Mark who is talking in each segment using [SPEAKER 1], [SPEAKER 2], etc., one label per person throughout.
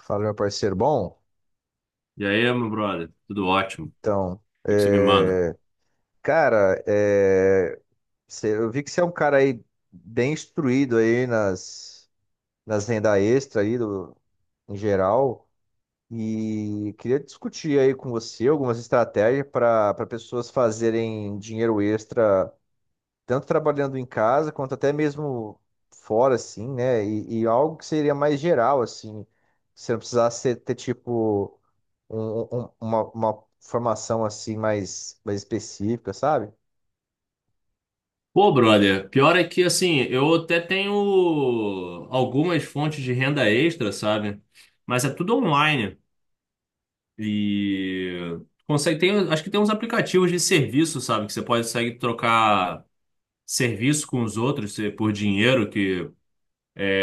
[SPEAKER 1] Fala, meu parceiro. Bom,
[SPEAKER 2] E aí, meu brother? Tudo ótimo. O
[SPEAKER 1] então,
[SPEAKER 2] que que você me manda?
[SPEAKER 1] é, cara, é, cê- Eu vi que você é um cara aí bem instruído aí nas renda extra em geral e queria discutir aí com você algumas estratégias para pessoas fazerem dinheiro extra, tanto trabalhando em casa quanto até mesmo fora, assim, né? E algo que seria mais geral, assim, você não precisasse ter tipo uma formação assim mais específica, sabe?
[SPEAKER 2] Pô, brother, pior é que, assim, eu até tenho algumas fontes de renda extra, sabe? Mas é tudo online. E consegue, tem, acho que tem uns aplicativos de serviço, sabe? Que você pode consegue trocar serviço com os outros por dinheiro, que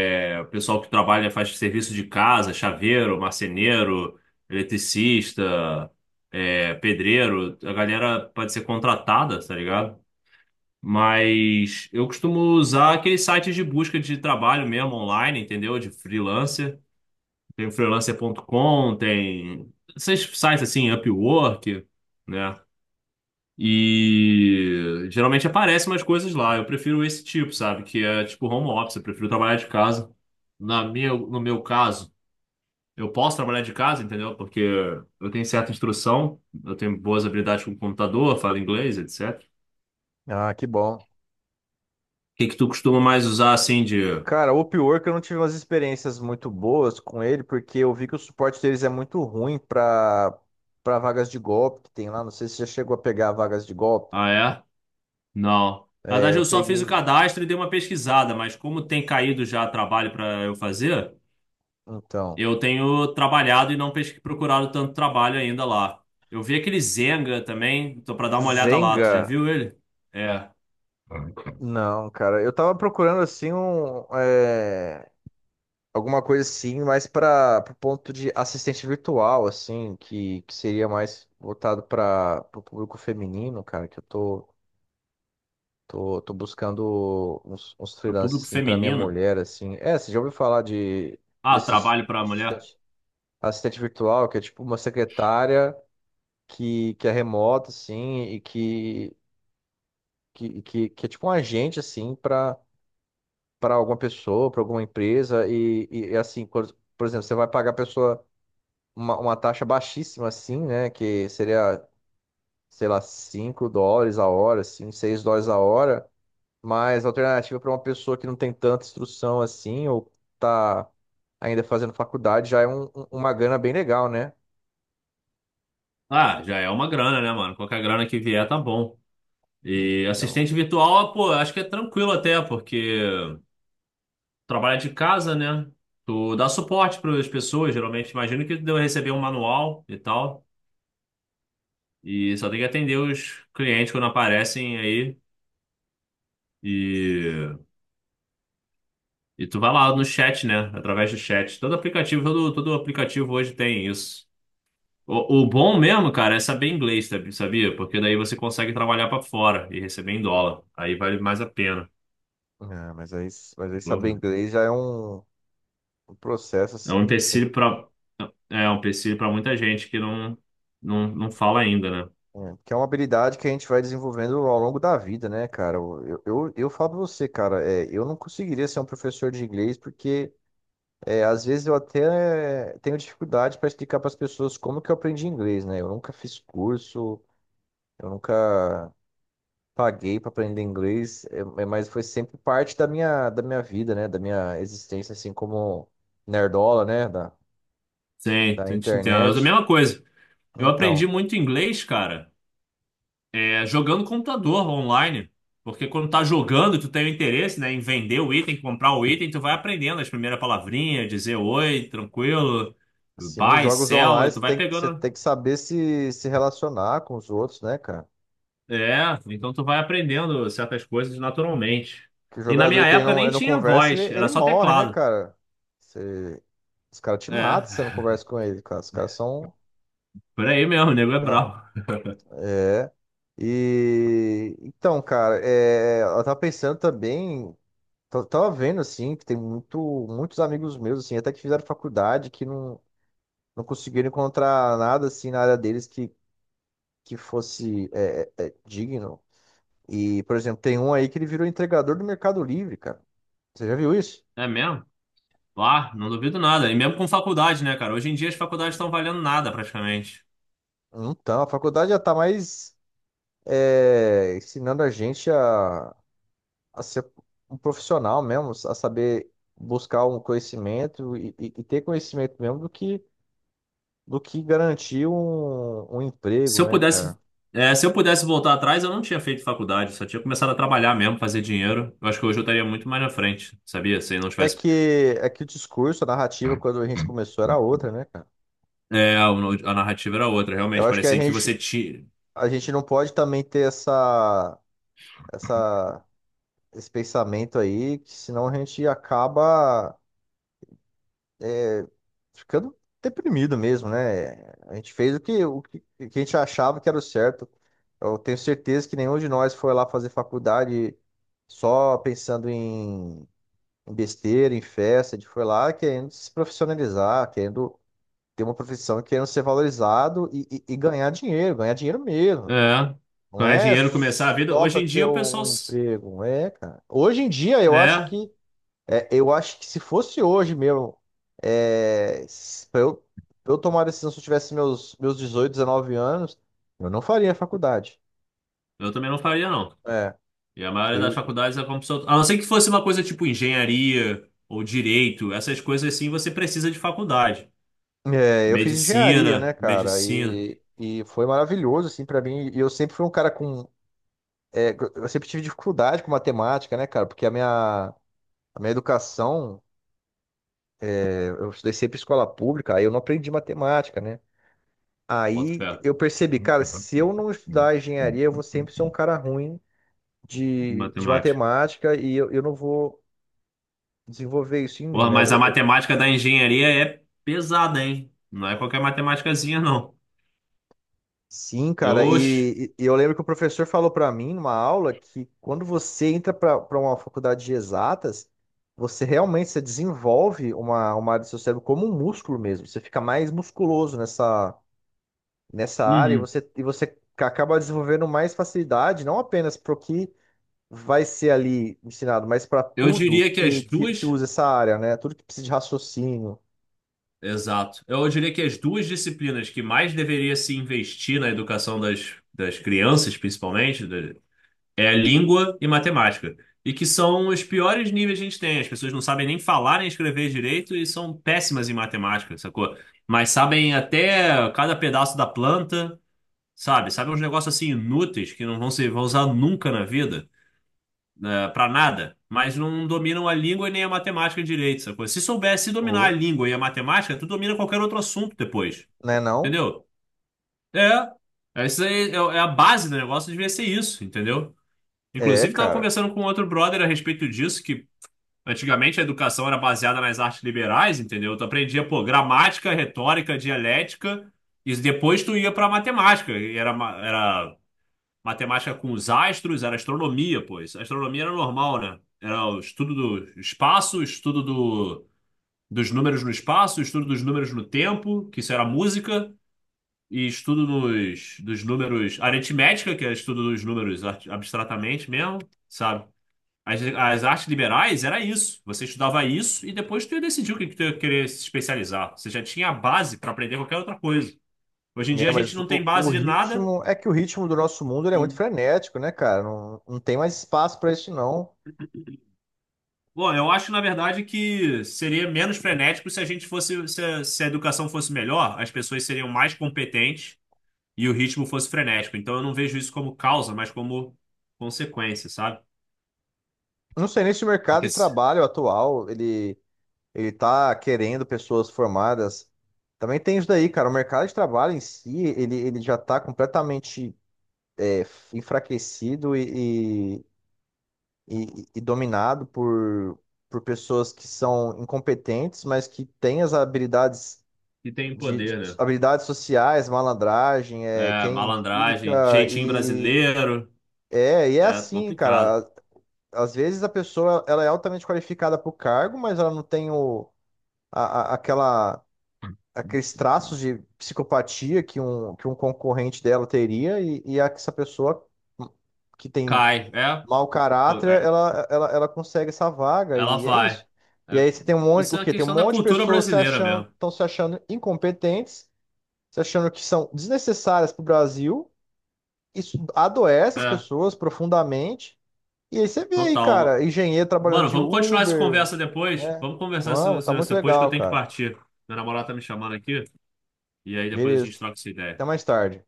[SPEAKER 2] é, o pessoal que trabalha faz serviço de casa, chaveiro, marceneiro, eletricista, pedreiro. A galera pode ser contratada, tá ligado? Mas eu costumo usar aqueles sites de busca de trabalho mesmo online, entendeu? De freelancer. Tem o freelancer.com, tem esses sites assim, Upwork, né? E geralmente aparecem umas coisas lá. Eu prefiro esse tipo, sabe? Que é tipo home office, eu prefiro trabalhar de casa. Na minha, no meu caso, eu posso trabalhar de casa, entendeu? Porque eu tenho certa instrução, eu tenho boas habilidades com o computador, falo inglês, etc. O
[SPEAKER 1] Ah, que bom.
[SPEAKER 2] que que tu costuma mais usar assim de.
[SPEAKER 1] Cara, o pior é que eu não tive umas experiências muito boas com ele, porque eu vi que o suporte deles é muito ruim para vagas de golpe que tem lá. Não sei se já chegou a pegar vagas de golpe.
[SPEAKER 2] Ah, é? Não. Na
[SPEAKER 1] É,
[SPEAKER 2] verdade,
[SPEAKER 1] eu
[SPEAKER 2] eu só fiz o
[SPEAKER 1] peguei.
[SPEAKER 2] cadastro e dei uma pesquisada, mas como tem caído já trabalho para eu fazer,
[SPEAKER 1] Então.
[SPEAKER 2] eu tenho trabalhado e não procurado tanto trabalho ainda lá. Eu vi aquele Zenga também, tô para dar uma olhada lá. Tu já
[SPEAKER 1] Zenga?
[SPEAKER 2] viu ele? É,
[SPEAKER 1] Não, cara. Eu tava procurando assim um. É, Alguma coisa assim, mais para o ponto de assistente virtual, assim, que seria mais voltado para o público feminino, cara, que tô buscando uns
[SPEAKER 2] pro
[SPEAKER 1] freelances,
[SPEAKER 2] público
[SPEAKER 1] assim, para minha
[SPEAKER 2] feminino.
[SPEAKER 1] mulher, assim. É, você já ouviu falar de
[SPEAKER 2] Ah,
[SPEAKER 1] desses
[SPEAKER 2] trabalho para mulher.
[SPEAKER 1] assistente, assistente virtual, que é tipo uma secretária que é remota, assim, e que é tipo um agente, assim, para alguma pessoa, para alguma empresa, e, assim, por exemplo, você vai pagar a pessoa uma taxa baixíssima, assim, né? Que seria, sei lá, 5 dólares a hora, assim, 6 dólares a hora. Mas a alternativa para uma pessoa que não tem tanta instrução assim, ou tá ainda fazendo faculdade, já é uma grana bem legal, né?
[SPEAKER 2] Ah, já é uma grana, né, mano? Qualquer grana que vier tá bom. E
[SPEAKER 1] Então,
[SPEAKER 2] assistente virtual, pô, acho que é tranquilo até, porque trabalha de casa, né? Tu dá suporte para as pessoas, geralmente. Imagino que tu deve receber um manual e tal. E só tem que atender os clientes quando aparecem aí. E, e tu vai lá no chat, né? Através do chat. Todo aplicativo, todo aplicativo hoje tem isso. O bom mesmo, cara, é saber inglês, sabia? Porque daí você consegue trabalhar para fora e receber em dólar. Aí vale mais a pena.
[SPEAKER 1] é, mas aí, mas aí saber inglês já é um processo,
[SPEAKER 2] É um
[SPEAKER 1] assim,
[SPEAKER 2] empecilho
[SPEAKER 1] bem.
[SPEAKER 2] para é um empecilho para muita gente que não fala ainda, né?
[SPEAKER 1] É, que é uma habilidade que a gente vai desenvolvendo ao longo da vida, né, cara? Eu falo pra você, cara, é, eu não conseguiria ser um professor de inglês porque. É, às vezes eu até tenho dificuldade para explicar para as pessoas como que eu aprendi inglês, né? Eu nunca fiz curso, eu nunca paguei para aprender inglês, mas foi sempre parte da da minha vida, né? Da minha existência, assim como nerdola, né?
[SPEAKER 2] Sim,
[SPEAKER 1] Da
[SPEAKER 2] a gente entende. Mas é a
[SPEAKER 1] internet.
[SPEAKER 2] mesma coisa. Eu aprendi
[SPEAKER 1] Então,
[SPEAKER 2] muito inglês, cara, jogando computador online. Porque quando tá jogando, tu tem o interesse, né, em vender o item, comprar o item, tu vai aprendendo as primeiras palavrinhas, dizer oi, tranquilo,
[SPEAKER 1] sim,
[SPEAKER 2] buy,
[SPEAKER 1] jogos
[SPEAKER 2] sell,
[SPEAKER 1] online
[SPEAKER 2] e tu vai
[SPEAKER 1] você
[SPEAKER 2] pegando.
[SPEAKER 1] tem que saber se relacionar com os outros, né, cara?
[SPEAKER 2] É, então tu vai aprendendo certas coisas naturalmente.
[SPEAKER 1] Que o
[SPEAKER 2] E na
[SPEAKER 1] jogador
[SPEAKER 2] minha
[SPEAKER 1] que
[SPEAKER 2] época nem
[SPEAKER 1] ele não
[SPEAKER 2] tinha
[SPEAKER 1] conversa,
[SPEAKER 2] voz, era
[SPEAKER 1] ele
[SPEAKER 2] só
[SPEAKER 1] morre, né,
[SPEAKER 2] teclado.
[SPEAKER 1] cara? Você- os caras te
[SPEAKER 2] É,
[SPEAKER 1] matam se você não conversa com ele, cara. Os caras são
[SPEAKER 2] por aí mesmo, o nego é
[SPEAKER 1] Não,
[SPEAKER 2] bravo.
[SPEAKER 1] é. E então, cara, é, eu tava pensando também, tava vendo assim, que muitos amigos meus, assim, até que fizeram faculdade, que não, não conseguiram encontrar nada assim na área deles que fosse digno. E, por exemplo, tem um aí que ele virou entregador do Mercado Livre, cara. Você já viu isso?
[SPEAKER 2] É mesmo? Ah, não duvido nada. E mesmo com faculdade, né, cara? Hoje em dia as faculdades estão valendo nada praticamente.
[SPEAKER 1] Então, a faculdade já tá mais é, ensinando a gente a. A ser um profissional mesmo, a saber buscar um conhecimento e, e ter conhecimento mesmo do que garantir um
[SPEAKER 2] Se
[SPEAKER 1] emprego,
[SPEAKER 2] eu
[SPEAKER 1] né,
[SPEAKER 2] pudesse,
[SPEAKER 1] cara?
[SPEAKER 2] se eu pudesse voltar atrás, eu não tinha feito faculdade, só tinha começado a trabalhar mesmo, fazer dinheiro. Eu acho que hoje eu estaria muito mais na frente, sabia? Se não tivesse.
[SPEAKER 1] É que o discurso, a narrativa, quando a gente começou, era outra, né, cara?
[SPEAKER 2] É, a narrativa era outra,
[SPEAKER 1] Eu
[SPEAKER 2] realmente.
[SPEAKER 1] acho que
[SPEAKER 2] Parecia que você tinha.
[SPEAKER 1] a gente não pode também ter essa, esse pensamento aí, que senão a gente acaba ficando deprimido mesmo, né? A gente fez o que a gente achava que era o certo. Eu tenho certeza que nenhum de nós foi lá fazer faculdade só pensando em besteira, em festa. A gente foi lá querendo se profissionalizar, querendo ter uma profissão, querendo ser valorizado e, e ganhar dinheiro mesmo.
[SPEAKER 2] É,
[SPEAKER 1] Não
[SPEAKER 2] ganhar
[SPEAKER 1] é
[SPEAKER 2] dinheiro, começar a vida.
[SPEAKER 1] só
[SPEAKER 2] Hoje
[SPEAKER 1] para
[SPEAKER 2] em
[SPEAKER 1] ter
[SPEAKER 2] dia o pessoal.
[SPEAKER 1] um emprego, não é, cara. Hoje em dia,
[SPEAKER 2] É,
[SPEAKER 1] eu acho que se fosse hoje mesmo, é, se- eu, pra eu tomar a decisão se eu tivesse meus 18, 19 anos, eu não faria faculdade.
[SPEAKER 2] eu também não faria, não.
[SPEAKER 1] É.
[SPEAKER 2] E a maioria das
[SPEAKER 1] Eu
[SPEAKER 2] faculdades é como pessoal. A não ser que fosse uma coisa tipo engenharia ou direito, essas coisas assim você precisa de faculdade.
[SPEAKER 1] É, eu fiz engenharia, né,
[SPEAKER 2] Medicina,
[SPEAKER 1] cara?
[SPEAKER 2] medicina.
[SPEAKER 1] E foi maravilhoso, assim, pra mim. E eu sempre fui um cara com. É, eu sempre tive dificuldade com matemática, né, cara? Porque a minha educação, é, eu estudei sempre em escola pública, aí eu não aprendi matemática, né?
[SPEAKER 2] Boto
[SPEAKER 1] Aí
[SPEAKER 2] fé.
[SPEAKER 1] eu percebi, cara, se eu não estudar engenharia, eu vou sempre ser um cara ruim de
[SPEAKER 2] Matemática.
[SPEAKER 1] matemática e eu não vou desenvolver isso em mim,
[SPEAKER 2] Porra,
[SPEAKER 1] né?
[SPEAKER 2] mas a matemática da engenharia é pesada, hein? Não é qualquer matemáticazinha, não.
[SPEAKER 1] Sim, cara,
[SPEAKER 2] Eu,
[SPEAKER 1] e eu lembro que o professor falou para mim numa aula que quando você entra para uma faculdade de exatas, você desenvolve uma área do seu cérebro como um músculo mesmo. Você fica mais musculoso nessa área e
[SPEAKER 2] uhum.
[SPEAKER 1] e você acaba desenvolvendo mais facilidade, não apenas para o que vai ser ali ensinado, mas para
[SPEAKER 2] Eu
[SPEAKER 1] tudo
[SPEAKER 2] diria que as
[SPEAKER 1] que
[SPEAKER 2] duas.
[SPEAKER 1] usa essa área, né? Tudo que precisa de raciocínio,
[SPEAKER 2] Exato. Eu diria que as duas disciplinas que mais deveria se investir na educação das, das crianças, principalmente, é língua e matemática. E que são os piores níveis que a gente tem. As pessoas não sabem nem falar nem escrever direito e são péssimas em matemática, sacou? Mas sabem até cada pedaço da planta, sabe? Sabem uns negócios assim inúteis que não vão usar nunca na vida, né, pra nada. Mas não dominam a língua e nem a matemática direito, sacou? Se soubesse dominar a
[SPEAKER 1] ou,
[SPEAKER 2] língua e a matemática, tu domina qualquer outro assunto depois,
[SPEAKER 1] né, não?
[SPEAKER 2] entendeu? É. Isso aí é a base do negócio, devia ser isso, entendeu?
[SPEAKER 1] É,
[SPEAKER 2] Inclusive, estava
[SPEAKER 1] cara.
[SPEAKER 2] conversando com outro brother a respeito disso, que antigamente a educação era baseada nas artes liberais, entendeu? Tu aprendia, pô, gramática, retórica, dialética, e depois tu ia pra matemática. E era matemática com os astros, era astronomia, pô. Astronomia era normal, né? Era o estudo do espaço, o estudo dos números no espaço, o estudo dos números no tempo, que isso era música, e estudo dos números aritmética, que é estudo dos números abstratamente mesmo, sabe? As artes liberais era isso. Você estudava isso e depois tu ia decidir o que, que tu ia querer se especializar. Você já tinha a base para aprender qualquer outra coisa. Hoje em dia
[SPEAKER 1] É,
[SPEAKER 2] a gente
[SPEAKER 1] mas
[SPEAKER 2] não tem
[SPEAKER 1] o
[SPEAKER 2] base de nada.
[SPEAKER 1] ritmo. É que o ritmo do nosso mundo ele é
[SPEAKER 2] E,
[SPEAKER 1] muito frenético, né, cara? Não tem mais espaço para isso, não.
[SPEAKER 2] bom, eu acho, na verdade, que seria menos frenético se a gente fosse, se a educação fosse melhor, as pessoas seriam mais competentes e o ritmo fosse frenético. Então eu não vejo isso como causa, mas como consequência, sabe?
[SPEAKER 1] Não sei nem se o mercado
[SPEAKER 2] Porque
[SPEAKER 1] de
[SPEAKER 2] se
[SPEAKER 1] trabalho atual ele tá querendo pessoas formadas. Também tem isso daí, cara. O mercado de trabalho em si, ele já tá completamente é, enfraquecido e dominado por pessoas que são incompetentes, mas que têm as habilidades
[SPEAKER 2] se tem poder,
[SPEAKER 1] de
[SPEAKER 2] né?
[SPEAKER 1] habilidades sociais, malandragem, é,
[SPEAKER 2] É,
[SPEAKER 1] quem
[SPEAKER 2] malandragem,
[SPEAKER 1] indica
[SPEAKER 2] jeitinho brasileiro,
[SPEAKER 1] e é
[SPEAKER 2] é
[SPEAKER 1] assim,
[SPEAKER 2] complicado.
[SPEAKER 1] cara. Às vezes a pessoa ela é altamente qualificada para o cargo, mas ela não tem o, a- aquela, aqueles traços de psicopatia que um concorrente dela teria e, essa pessoa hum, que tem
[SPEAKER 2] Cai, é,
[SPEAKER 1] mau
[SPEAKER 2] pô,
[SPEAKER 1] caráter,
[SPEAKER 2] é,
[SPEAKER 1] ela consegue essa vaga
[SPEAKER 2] ela
[SPEAKER 1] e é
[SPEAKER 2] vai.
[SPEAKER 1] isso. E
[SPEAKER 2] É,
[SPEAKER 1] aí você tem um monte,
[SPEAKER 2] isso
[SPEAKER 1] o
[SPEAKER 2] é uma
[SPEAKER 1] quê? Tem um
[SPEAKER 2] questão da
[SPEAKER 1] monte de
[SPEAKER 2] cultura
[SPEAKER 1] pessoas se
[SPEAKER 2] brasileira
[SPEAKER 1] achando,
[SPEAKER 2] mesmo.
[SPEAKER 1] estão se achando incompetentes você achando que são desnecessárias para o Brasil, isso adoece as
[SPEAKER 2] É,
[SPEAKER 1] pessoas profundamente. E aí você vê aí,
[SPEAKER 2] total.
[SPEAKER 1] cara, engenheiro trabalhando
[SPEAKER 2] Mano,
[SPEAKER 1] de
[SPEAKER 2] vamos continuar essa
[SPEAKER 1] Uber,
[SPEAKER 2] conversa depois.
[SPEAKER 1] né?
[SPEAKER 2] Vamos conversar isso
[SPEAKER 1] Vamos, tá
[SPEAKER 2] isso-
[SPEAKER 1] muito
[SPEAKER 2] isso depois que eu
[SPEAKER 1] legal,
[SPEAKER 2] tenho que
[SPEAKER 1] cara.
[SPEAKER 2] partir. Meu namorado tá me chamando aqui. E aí depois a gente
[SPEAKER 1] Beleza.
[SPEAKER 2] troca essa ideia.
[SPEAKER 1] Até mais tarde.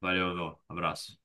[SPEAKER 2] Valeu, meu. Abraço.